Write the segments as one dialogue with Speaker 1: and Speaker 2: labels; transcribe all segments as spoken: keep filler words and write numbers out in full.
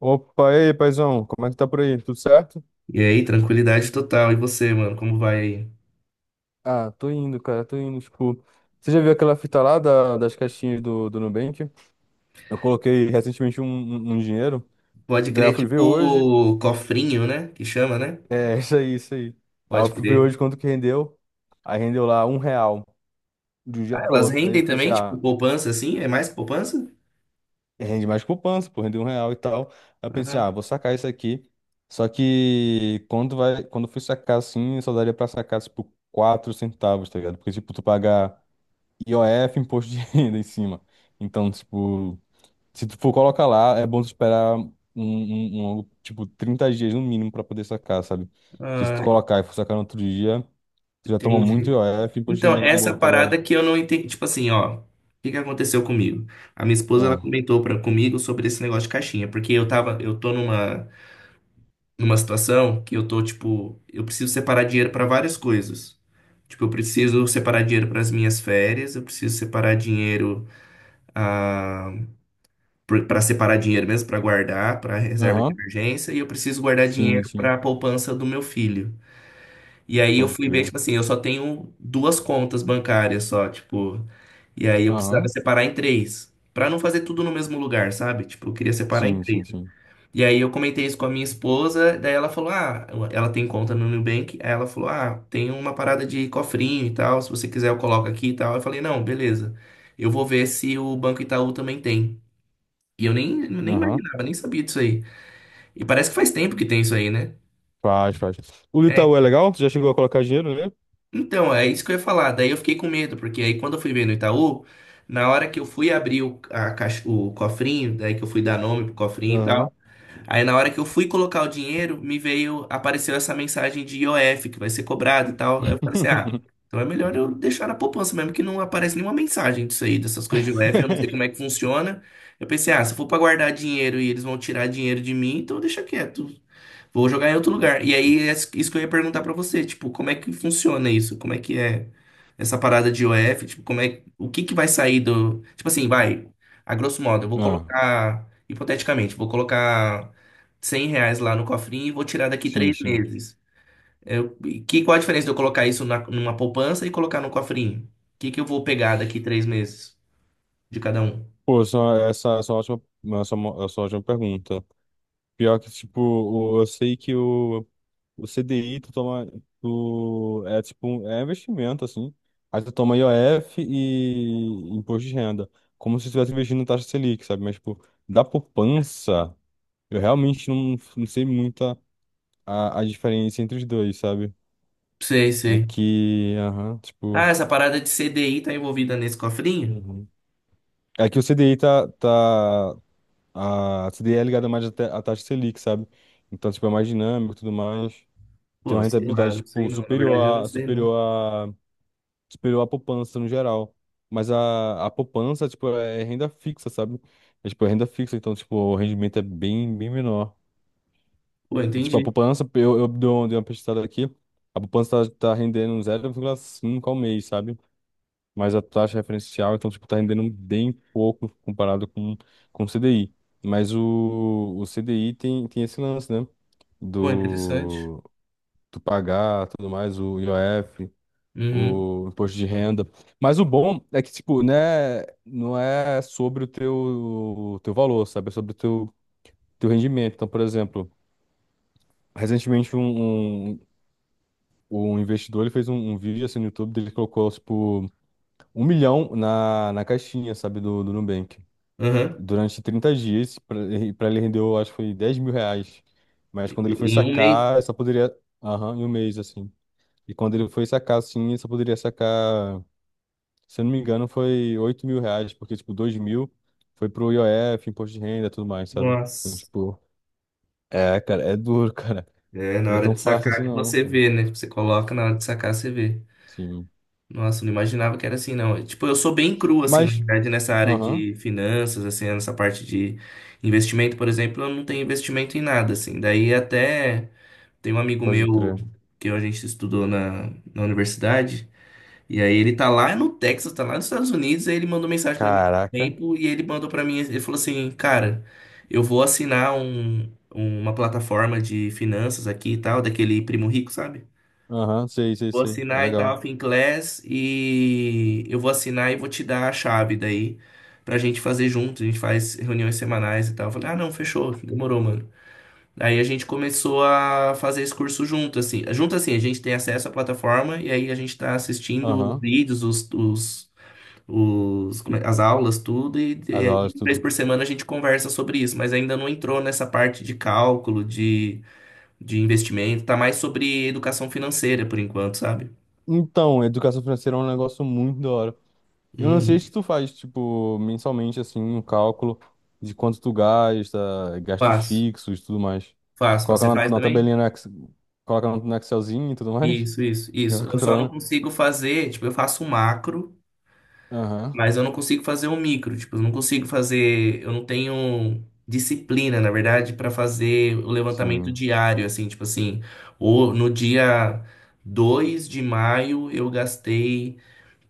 Speaker 1: Opa, e aí, paizão, como é que tá por aí? Tudo certo?
Speaker 2: E aí, tranquilidade total. E você, mano, como vai aí?
Speaker 1: Ah, tô indo, cara, tô indo. Tipo, você já viu aquela fita lá da- das caixinhas do, do Nubank? Eu coloquei recentemente um, um- um dinheiro,
Speaker 2: Pode
Speaker 1: daí eu
Speaker 2: crer,
Speaker 1: fui ver hoje.
Speaker 2: tipo
Speaker 1: e-
Speaker 2: cofrinho, né? Que chama, né?
Speaker 1: É, isso aí, isso aí. Aí eu
Speaker 2: Pode
Speaker 1: fui ver
Speaker 2: crer.
Speaker 1: hoje quanto que rendeu. Aí rendeu lá um real, de um dia
Speaker 2: Ah,
Speaker 1: pro
Speaker 2: elas
Speaker 1: outro. Daí eu
Speaker 2: rendem
Speaker 1: pensei,
Speaker 2: também, tipo
Speaker 1: ah,
Speaker 2: poupança, assim? É mais que poupança?
Speaker 1: rende mais poupança, pô, rendeu um real e tal. Aí eu pensei,
Speaker 2: Ah,
Speaker 1: ah, vou sacar isso aqui. Só que quando vai, quando eu fui sacar assim, só daria pra sacar, tipo, quatro centavos, tá ligado? Porque, tipo, tu pagar. I O F, imposto de renda em cima. Então, tipo, se tu for colocar lá, é bom tu esperar um, um, um longo, tipo, trinta dias no mínimo pra poder sacar, sabe? Que se
Speaker 2: ah,
Speaker 1: tu colocar e for sacar no outro dia, tu já toma muito
Speaker 2: entendi.
Speaker 1: I O F, imposto de
Speaker 2: Então,
Speaker 1: renda na
Speaker 2: essa
Speaker 1: boca, velho.
Speaker 2: parada que eu não entendi. Tipo assim, ó. O que que aconteceu comigo? A minha esposa, ela
Speaker 1: É.
Speaker 2: comentou pra, comigo sobre esse negócio de caixinha. Porque eu tava, eu tô numa, numa situação que eu tô, tipo, eu preciso separar dinheiro pra várias coisas. Tipo, eu preciso separar dinheiro para as minhas férias, eu preciso separar dinheiro para separar dinheiro mesmo, para guardar, para reserva de
Speaker 1: Aham.
Speaker 2: emergência, e eu preciso guardar
Speaker 1: Sim,
Speaker 2: dinheiro
Speaker 1: sim.
Speaker 2: para a poupança do meu filho. E aí eu
Speaker 1: Pode
Speaker 2: fui ver,
Speaker 1: crer.
Speaker 2: tipo assim, eu só tenho duas contas bancárias só, tipo, e aí eu precisava
Speaker 1: Aham.
Speaker 2: separar em três. Pra não fazer tudo no mesmo lugar, sabe? Tipo, eu queria separar em
Speaker 1: Sim,
Speaker 2: três.
Speaker 1: sim, sim.
Speaker 2: E aí eu comentei isso com a minha esposa, daí ela falou: "Ah, ela tem conta no Nubank". Aí ela falou: "Ah, tem uma parada de cofrinho e tal, se você quiser eu coloco aqui e tal". Eu falei: "Não, beleza. Eu vou ver se o Banco Itaú também tem". E eu nem, nem
Speaker 1: Aham.
Speaker 2: imaginava, nem sabia disso aí. E parece que faz tempo que tem isso aí, né?
Speaker 1: Faz, faz. O do
Speaker 2: É.
Speaker 1: Itaú é legal? Tu já chegou a colocar dinheiro, né?
Speaker 2: Então, é isso que eu ia falar. Daí eu fiquei com medo, porque aí quando eu fui ver no Itaú, na hora que eu fui abrir o, a caixa- o cofrinho, daí que eu fui dar nome pro cofrinho e tal,
Speaker 1: Aham.
Speaker 2: aí na hora que eu fui colocar o dinheiro, me veio, apareceu essa mensagem de I O F, que vai ser cobrado e tal. Aí eu falei assim, ah, então é melhor eu deixar na poupança mesmo, que não aparece nenhuma mensagem disso aí, dessas coisas de I O F, eu não sei como é que funciona. Eu pensei, ah, se for pra guardar dinheiro e eles vão tirar dinheiro de mim, então deixa quieto. Vou jogar em outro lugar. E aí, é isso que eu ia perguntar pra você, tipo, como é que funciona isso? Como é que é essa parada de o f. Tipo, como é, o que que vai sair do, tipo assim, vai, a grosso modo, eu vou
Speaker 1: Ah,
Speaker 2: colocar, hipoteticamente, vou colocar cem reais lá no cofrinho e vou tirar daqui
Speaker 1: sim,
Speaker 2: três
Speaker 1: sim.
Speaker 2: meses. Eu, e que, qual a diferença de eu colocar isso na- numa poupança e colocar no cofrinho? O que que eu vou pegar daqui três meses de cada um?
Speaker 1: Pô, só, essa, essa é ótima, essa, é essa é ótima pergunta. Pior que, tipo, o- eu sei que o, o C CDI tu toma, tu, é tipo, um- é investimento, assim. Aí tu toma I O F e imposto de renda. Como se tu estivesse investindo em taxa Selic, sabe? Mas, tipo, da poupança, eu realmente não, não sei muito a, a a diferença entre os dois, sabe?
Speaker 2: Sei,
Speaker 1: É
Speaker 2: sei.
Speaker 1: que, aham,
Speaker 2: Ah,
Speaker 1: tipo.
Speaker 2: essa parada de C D I tá envolvida nesse cofrinho?
Speaker 1: Uhum. É que o C D I tá, tá. A C D I é ligada mais à ta- à taxa Selic, sabe? Então, tipo, é mais dinâmico e tudo mais. Tem
Speaker 2: Pô,
Speaker 1: uma
Speaker 2: sei lá,
Speaker 1: rentabilidade,
Speaker 2: não sei
Speaker 1: tipo,
Speaker 2: não. Na
Speaker 1: superior
Speaker 2: verdade, eu não
Speaker 1: à,
Speaker 2: sei não.
Speaker 1: superior à, superior à poupança no geral. Mas a, a poupança, tipo, é renda fixa, sabe? É, tipo, é renda fixa, então, tipo, o rendimento é bem, bem menor.
Speaker 2: Pô,
Speaker 1: Tipo, a
Speaker 2: entendi.
Speaker 1: poupança, eu, eu dei uma dei uma pesquisada aqui, a poupança tá, tá rendendo zero vírgula cinco ao mês, sabe? Mas a taxa referencial, então, tipo, tá rendendo bem pouco comparado com, com o C D I. Mas o, o C D I tem, tem esse lance, né?
Speaker 2: Pô, interessante.
Speaker 1: Do, do pagar, tudo mais, o I O F,
Speaker 2: Uhum.
Speaker 1: o imposto de renda. Mas o bom é que, tipo, né, não é sobre o teu, o teu valor, sabe? É sobre o teu, teu rendimento. Então, por exemplo, recentemente um, um, um investidor ele fez um, um vídeo assim no YouTube, dele colocou, tipo, um milhão na, na caixinha, sabe, do, do Nubank.
Speaker 2: Uhum.
Speaker 1: Durante trinta dias, para ele rendeu, eu acho que foi dez mil reais. Mas quando ele foi
Speaker 2: Em um mês.
Speaker 1: sacar, só poderia. Aham, em um mês, assim. E quando ele foi sacar, assim, só poderia sacar, se eu não me engano, foi oito mil reais, porque, tipo, dois mil foi pro I O F, imposto de renda e tudo mais, sabe? Então,
Speaker 2: Nossa.
Speaker 1: tipo, é, cara, é duro, cara.
Speaker 2: É, na
Speaker 1: Não é
Speaker 2: hora
Speaker 1: tão
Speaker 2: de
Speaker 1: fácil
Speaker 2: sacar
Speaker 1: assim,
Speaker 2: que
Speaker 1: não,
Speaker 2: você
Speaker 1: cara.
Speaker 2: vê, né? Tipo, você coloca, na hora de sacar você vê.
Speaker 1: Sim.
Speaker 2: Nossa, eu não imaginava que era assim, não. Tipo, eu sou bem cru, assim, na
Speaker 1: Mas,
Speaker 2: verdade, nessa área
Speaker 1: aham,
Speaker 2: de finanças, assim, nessa parte de investimento, por exemplo, eu não tenho investimento em nada, assim. Daí até tem um amigo
Speaker 1: pode crer.
Speaker 2: meu que a gente estudou na, na universidade. E aí ele tá lá no Texas, tá lá nos Estados Unidos, aí ele mandou mensagem pra mim há um
Speaker 1: Caraca.
Speaker 2: tempo e ele mandou pra mim, ele falou assim, cara, eu vou assinar um, um, uma plataforma de finanças aqui e tal, daquele primo rico, sabe?
Speaker 1: Aham, sei, sei,
Speaker 2: Vou
Speaker 1: sei. É
Speaker 2: assinar e tal,
Speaker 1: legal.
Speaker 2: Finclass, e eu vou assinar e vou te dar a chave daí pra gente fazer junto, a gente faz reuniões semanais e tal. Eu falei, ah, não, fechou, demorou, mano. Aí a gente começou a fazer esse curso junto, assim. Junto, assim, a gente tem acesso à plataforma e aí a gente tá assistindo os
Speaker 1: Aham,
Speaker 2: vídeos, os, os, os- como é- as aulas, tudo, e, e
Speaker 1: as
Speaker 2: aí,
Speaker 1: aulas,
Speaker 2: três
Speaker 1: tudo.
Speaker 2: por semana a gente conversa sobre isso, mas ainda não entrou nessa parte de cálculo, de, de investimento, tá mais sobre educação financeira por enquanto, sabe?
Speaker 1: Então, educação financeira é um negócio muito da hora. Eu não sei se
Speaker 2: Uhum.
Speaker 1: tu faz, tipo, mensalmente, assim, um cálculo de quanto tu gasta, gastos
Speaker 2: Faço,
Speaker 1: fixos e tudo mais.
Speaker 2: faço, faço.
Speaker 1: Coloca
Speaker 2: Você
Speaker 1: na,
Speaker 2: faz
Speaker 1: na
Speaker 2: também?
Speaker 1: tabelinha no Excel, coloca no, no Excelzinho e tudo mais.
Speaker 2: Isso, isso,
Speaker 1: E
Speaker 2: isso.
Speaker 1: vai
Speaker 2: Eu só não
Speaker 1: controlando.
Speaker 2: consigo fazer, tipo, eu faço o macro.
Speaker 1: Aham,
Speaker 2: Mas eu não consigo fazer um micro, tipo, eu não consigo fazer, eu não tenho disciplina, na verdade, para fazer o levantamento
Speaker 1: sim.
Speaker 2: diário, assim, tipo assim, ou no dia dois de maio eu gastei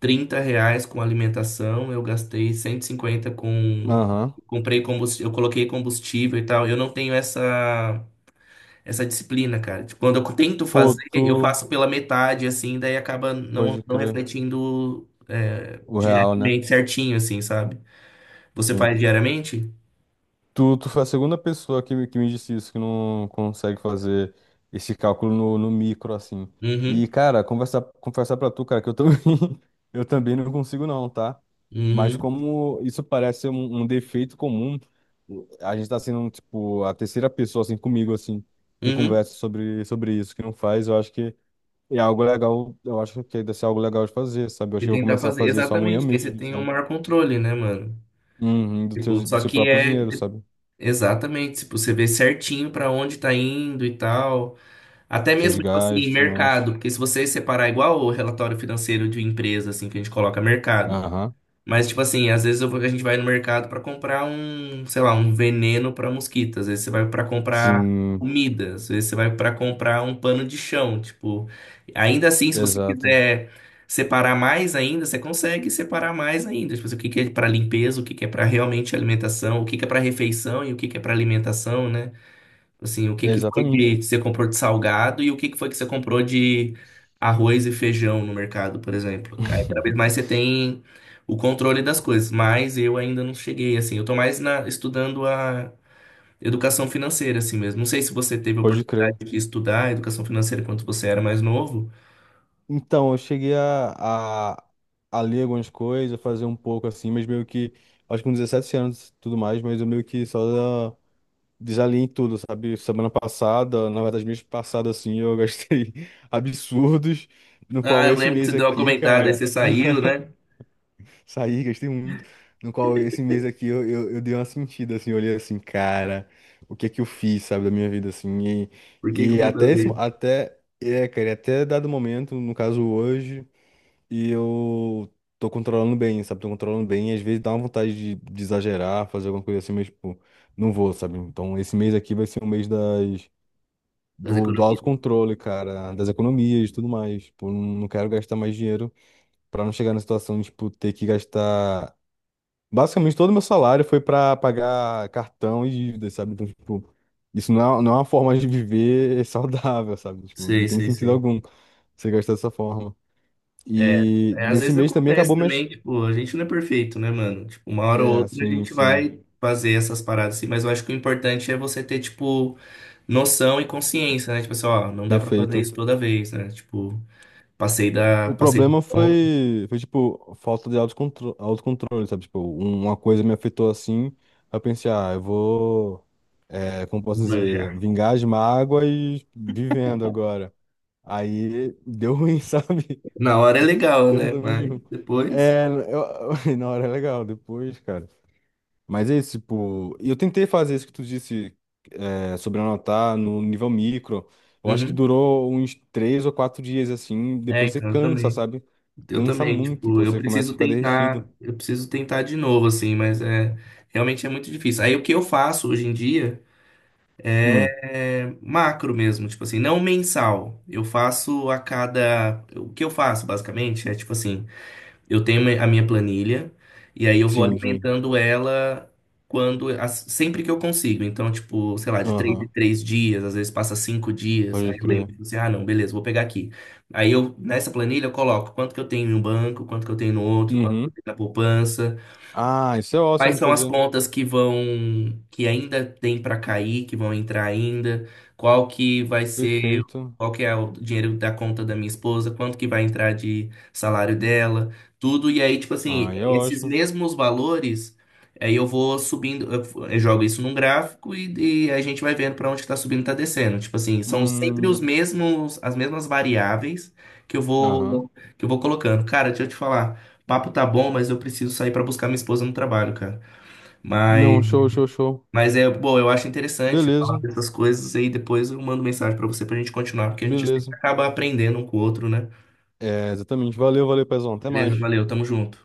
Speaker 2: trinta reais com alimentação, eu gastei cento e cinquenta com,
Speaker 1: Aham.
Speaker 2: comprei combustível, eu coloquei combustível e tal, eu não tenho essa essa disciplina, cara. Tipo, quando eu tento
Speaker 1: Pô,
Speaker 2: fazer, eu
Speaker 1: tu.
Speaker 2: faço pela metade, assim, daí acaba não,
Speaker 1: Pode
Speaker 2: não
Speaker 1: crer.
Speaker 2: refletindo é,
Speaker 1: O real, né?
Speaker 2: diretamente certinho, assim, sabe? Você
Speaker 1: Sim.
Speaker 2: faz diariamente?
Speaker 1: Tu, tu foi a segunda pessoa que, me- que me disse isso, que não consegue fazer esse cálculo no, no micro, assim. E,
Speaker 2: Uhum,
Speaker 1: cara, conversar, conversar pra tu, cara, que eu também, eu também não consigo não, tá? Mas
Speaker 2: uhum,
Speaker 1: como isso parece ser um, um defeito comum, a gente tá sendo, tipo, a terceira pessoa, assim, comigo, assim, que
Speaker 2: uhum.
Speaker 1: conversa sobre, sobre isso, que não faz, eu acho que é algo legal, eu acho que deve ser algo legal de fazer, sabe? Eu acho
Speaker 2: E
Speaker 1: que eu vou
Speaker 2: tentar
Speaker 1: começar a
Speaker 2: fazer.
Speaker 1: fazer isso amanhã
Speaker 2: Exatamente, que aí você
Speaker 1: mesmo,
Speaker 2: tem o
Speaker 1: sabe?
Speaker 2: maior controle, né, mano?
Speaker 1: Uhum, do
Speaker 2: Tipo,
Speaker 1: teu, do
Speaker 2: só
Speaker 1: seu
Speaker 2: que
Speaker 1: próprio
Speaker 2: é.
Speaker 1: dinheiro, sabe?
Speaker 2: Exatamente, tipo, você vê certinho pra onde tá indo e tal. Até
Speaker 1: Seus
Speaker 2: mesmo, tipo assim,
Speaker 1: gastos, e mais.
Speaker 2: mercado. Porque se você separar igual o relatório financeiro de empresa, assim, que a gente coloca mercado.
Speaker 1: Aham.
Speaker 2: Mas, tipo assim, às vezes eu vou- a gente vai no mercado pra comprar um, sei lá, um veneno pra mosquito. Às vezes você vai pra comprar
Speaker 1: Sim,
Speaker 2: comida. Às vezes você vai pra comprar um pano de chão. Tipo, ainda assim, se você
Speaker 1: exato.
Speaker 2: quiser separar mais ainda, você consegue separar mais ainda. Tipo assim, o que que é pra limpeza, o que que é pra realmente alimentação, o que que é pra refeição e o que que é pra alimentação, né? Assim, o que que foi
Speaker 1: Exatamente.
Speaker 2: que você comprou de salgado e o que que foi que você comprou de arroz e feijão no mercado, por exemplo. Aí, cada vez mais você tem o controle das coisas, mas eu ainda não cheguei, assim. Eu tô mais na- estudando a educação financeira, assim mesmo. Não sei se você teve a
Speaker 1: Pode crer.
Speaker 2: oportunidade de estudar educação financeira quando você era mais novo.
Speaker 1: Então, eu cheguei a, a, a ler algumas coisas, fazer um pouco assim, mas meio que, acho que com dezessete anos e tudo mais, mas eu meio que só desalinhei tudo, sabe? Semana passada, na verdade, mês passado, assim, eu gastei absurdos, no
Speaker 2: Ah,
Speaker 1: qual
Speaker 2: eu
Speaker 1: esse
Speaker 2: lembro que você
Speaker 1: mês
Speaker 2: deu uma
Speaker 1: aqui,
Speaker 2: comentada, aí
Speaker 1: cara.
Speaker 2: você saiu, né?
Speaker 1: Saí, gastei muito. No qual esse mês aqui eu, eu, eu dei uma sentida, assim, eu olhei assim, cara, o que é que eu fiz, sabe, da minha vida, assim. E,
Speaker 2: Por que que eu
Speaker 1: e
Speaker 2: fui
Speaker 1: até esse, mo-
Speaker 2: fazer
Speaker 1: até, é, cara, e até dado momento, no caso hoje, e eu tô controlando bem, sabe, tô controlando bem. E às vezes dá uma vontade de, de exagerar, fazer alguma coisa assim, mas, tipo, não vou, sabe. Então esse mês aqui vai ser um mês das,
Speaker 2: das
Speaker 1: do, do
Speaker 2: economias?
Speaker 1: autocontrole, cara, das economias e tudo mais. Tipo, não não quero gastar mais dinheiro. Pra não chegar na situação de, tipo, ter que gastar. Basicamente, todo o meu salário foi para pagar cartão e dívidas, sabe? Então, tipo, isso não é, não é uma forma de viver saudável, sabe? Tipo, não
Speaker 2: Sei,
Speaker 1: tem
Speaker 2: sei,
Speaker 1: sentido
Speaker 2: sei.
Speaker 1: algum você gastar dessa forma.
Speaker 2: É,
Speaker 1: E
Speaker 2: é, às
Speaker 1: nesse
Speaker 2: vezes
Speaker 1: mês também
Speaker 2: acontece
Speaker 1: acabou minhas.
Speaker 2: também, tipo, a gente não é perfeito, né, mano? Tipo, uma hora ou
Speaker 1: É,
Speaker 2: outra a
Speaker 1: assim,
Speaker 2: gente
Speaker 1: sim,
Speaker 2: vai fazer essas paradas assim, mas eu acho que o importante é você ter, tipo, noção e consciência, né? Tipo assim, ó, não dá pra fazer
Speaker 1: perfeito.
Speaker 2: isso toda vez, né? Tipo, passei da,
Speaker 1: O
Speaker 2: passei do
Speaker 1: problema
Speaker 2: ponto,
Speaker 1: foi, foi tipo, falta de autocontro- autocontrole, sabe? Tipo, um- uma coisa me afetou assim, eu pensei, ah, eu vou, é, como posso dizer,
Speaker 2: já.
Speaker 1: vingar as mágoas vivendo agora. Aí deu ruim, sabe?
Speaker 2: Na hora é legal, né?
Speaker 1: Exatamente.
Speaker 2: Mas
Speaker 1: Junto.
Speaker 2: depois.
Speaker 1: É, eu, na hora é legal, depois, cara. Mas é isso, tipo, eu tentei fazer isso que tu disse é, sobre anotar no nível micro. Eu acho que
Speaker 2: Uhum.
Speaker 1: durou uns três ou quatro dias, assim,
Speaker 2: É,
Speaker 1: depois você
Speaker 2: então eu
Speaker 1: cansa,
Speaker 2: também.
Speaker 1: sabe?
Speaker 2: Eu
Speaker 1: Cansa
Speaker 2: também,
Speaker 1: muito,
Speaker 2: tipo,
Speaker 1: pô,
Speaker 2: eu
Speaker 1: você começa a
Speaker 2: preciso
Speaker 1: ficar
Speaker 2: tentar,
Speaker 1: derretido.
Speaker 2: eu preciso tentar de novo, assim, mas é realmente é muito difícil. Aí o que eu faço hoje em dia,
Speaker 1: Hum,
Speaker 2: é macro mesmo, tipo assim, não mensal. Eu faço a cada. O que eu faço, basicamente, é tipo assim: eu tenho a minha planilha, e aí eu vou
Speaker 1: sim, sim.
Speaker 2: alimentando ela quando, as- sempre que eu consigo. Então, tipo, sei lá, de três em
Speaker 1: Aham,
Speaker 2: três dias, às vezes passa cinco dias.
Speaker 1: pode
Speaker 2: Aí eu lembro,
Speaker 1: crer.
Speaker 2: tipo assim, ah, não, beleza, vou pegar aqui. Aí eu, nessa planilha, eu coloco quanto que eu tenho em um banco, quanto que eu tenho no outro, quanto que eu
Speaker 1: Uhum.
Speaker 2: tenho na poupança.
Speaker 1: Ah, isso é ótimo
Speaker 2: Quais
Speaker 1: de
Speaker 2: são as
Speaker 1: fazer.
Speaker 2: contas que vão, que ainda tem para cair, que vão entrar ainda? Qual que vai ser,
Speaker 1: Perfeito.
Speaker 2: qual que é o dinheiro da conta da minha esposa? Quanto que vai entrar de salário dela? Tudo. E aí, tipo assim,
Speaker 1: Ah, é
Speaker 2: esses
Speaker 1: ótimo.
Speaker 2: mesmos valores, aí eu vou subindo, eu f- eu jogo isso num gráfico e, e a gente vai vendo para onde está subindo, está descendo. Tipo assim, são sempre os
Speaker 1: Hum,
Speaker 2: mesmos, as mesmas variáveis que eu
Speaker 1: aham.
Speaker 2: vou, que eu vou colocando. Cara, deixa eu te falar. Papo tá bom, mas eu preciso sair pra buscar minha esposa no trabalho, cara. Mas,
Speaker 1: Não, show, show, show.
Speaker 2: mas é, bom, eu acho interessante falar
Speaker 1: Beleza,
Speaker 2: dessas coisas aí depois eu mando mensagem pra você pra gente continuar, porque a gente sempre
Speaker 1: beleza.
Speaker 2: acaba aprendendo um com o outro, né?
Speaker 1: É, exatamente. Valeu, valeu, Pezão. Até
Speaker 2: Beleza,
Speaker 1: mais.
Speaker 2: valeu, tamo junto.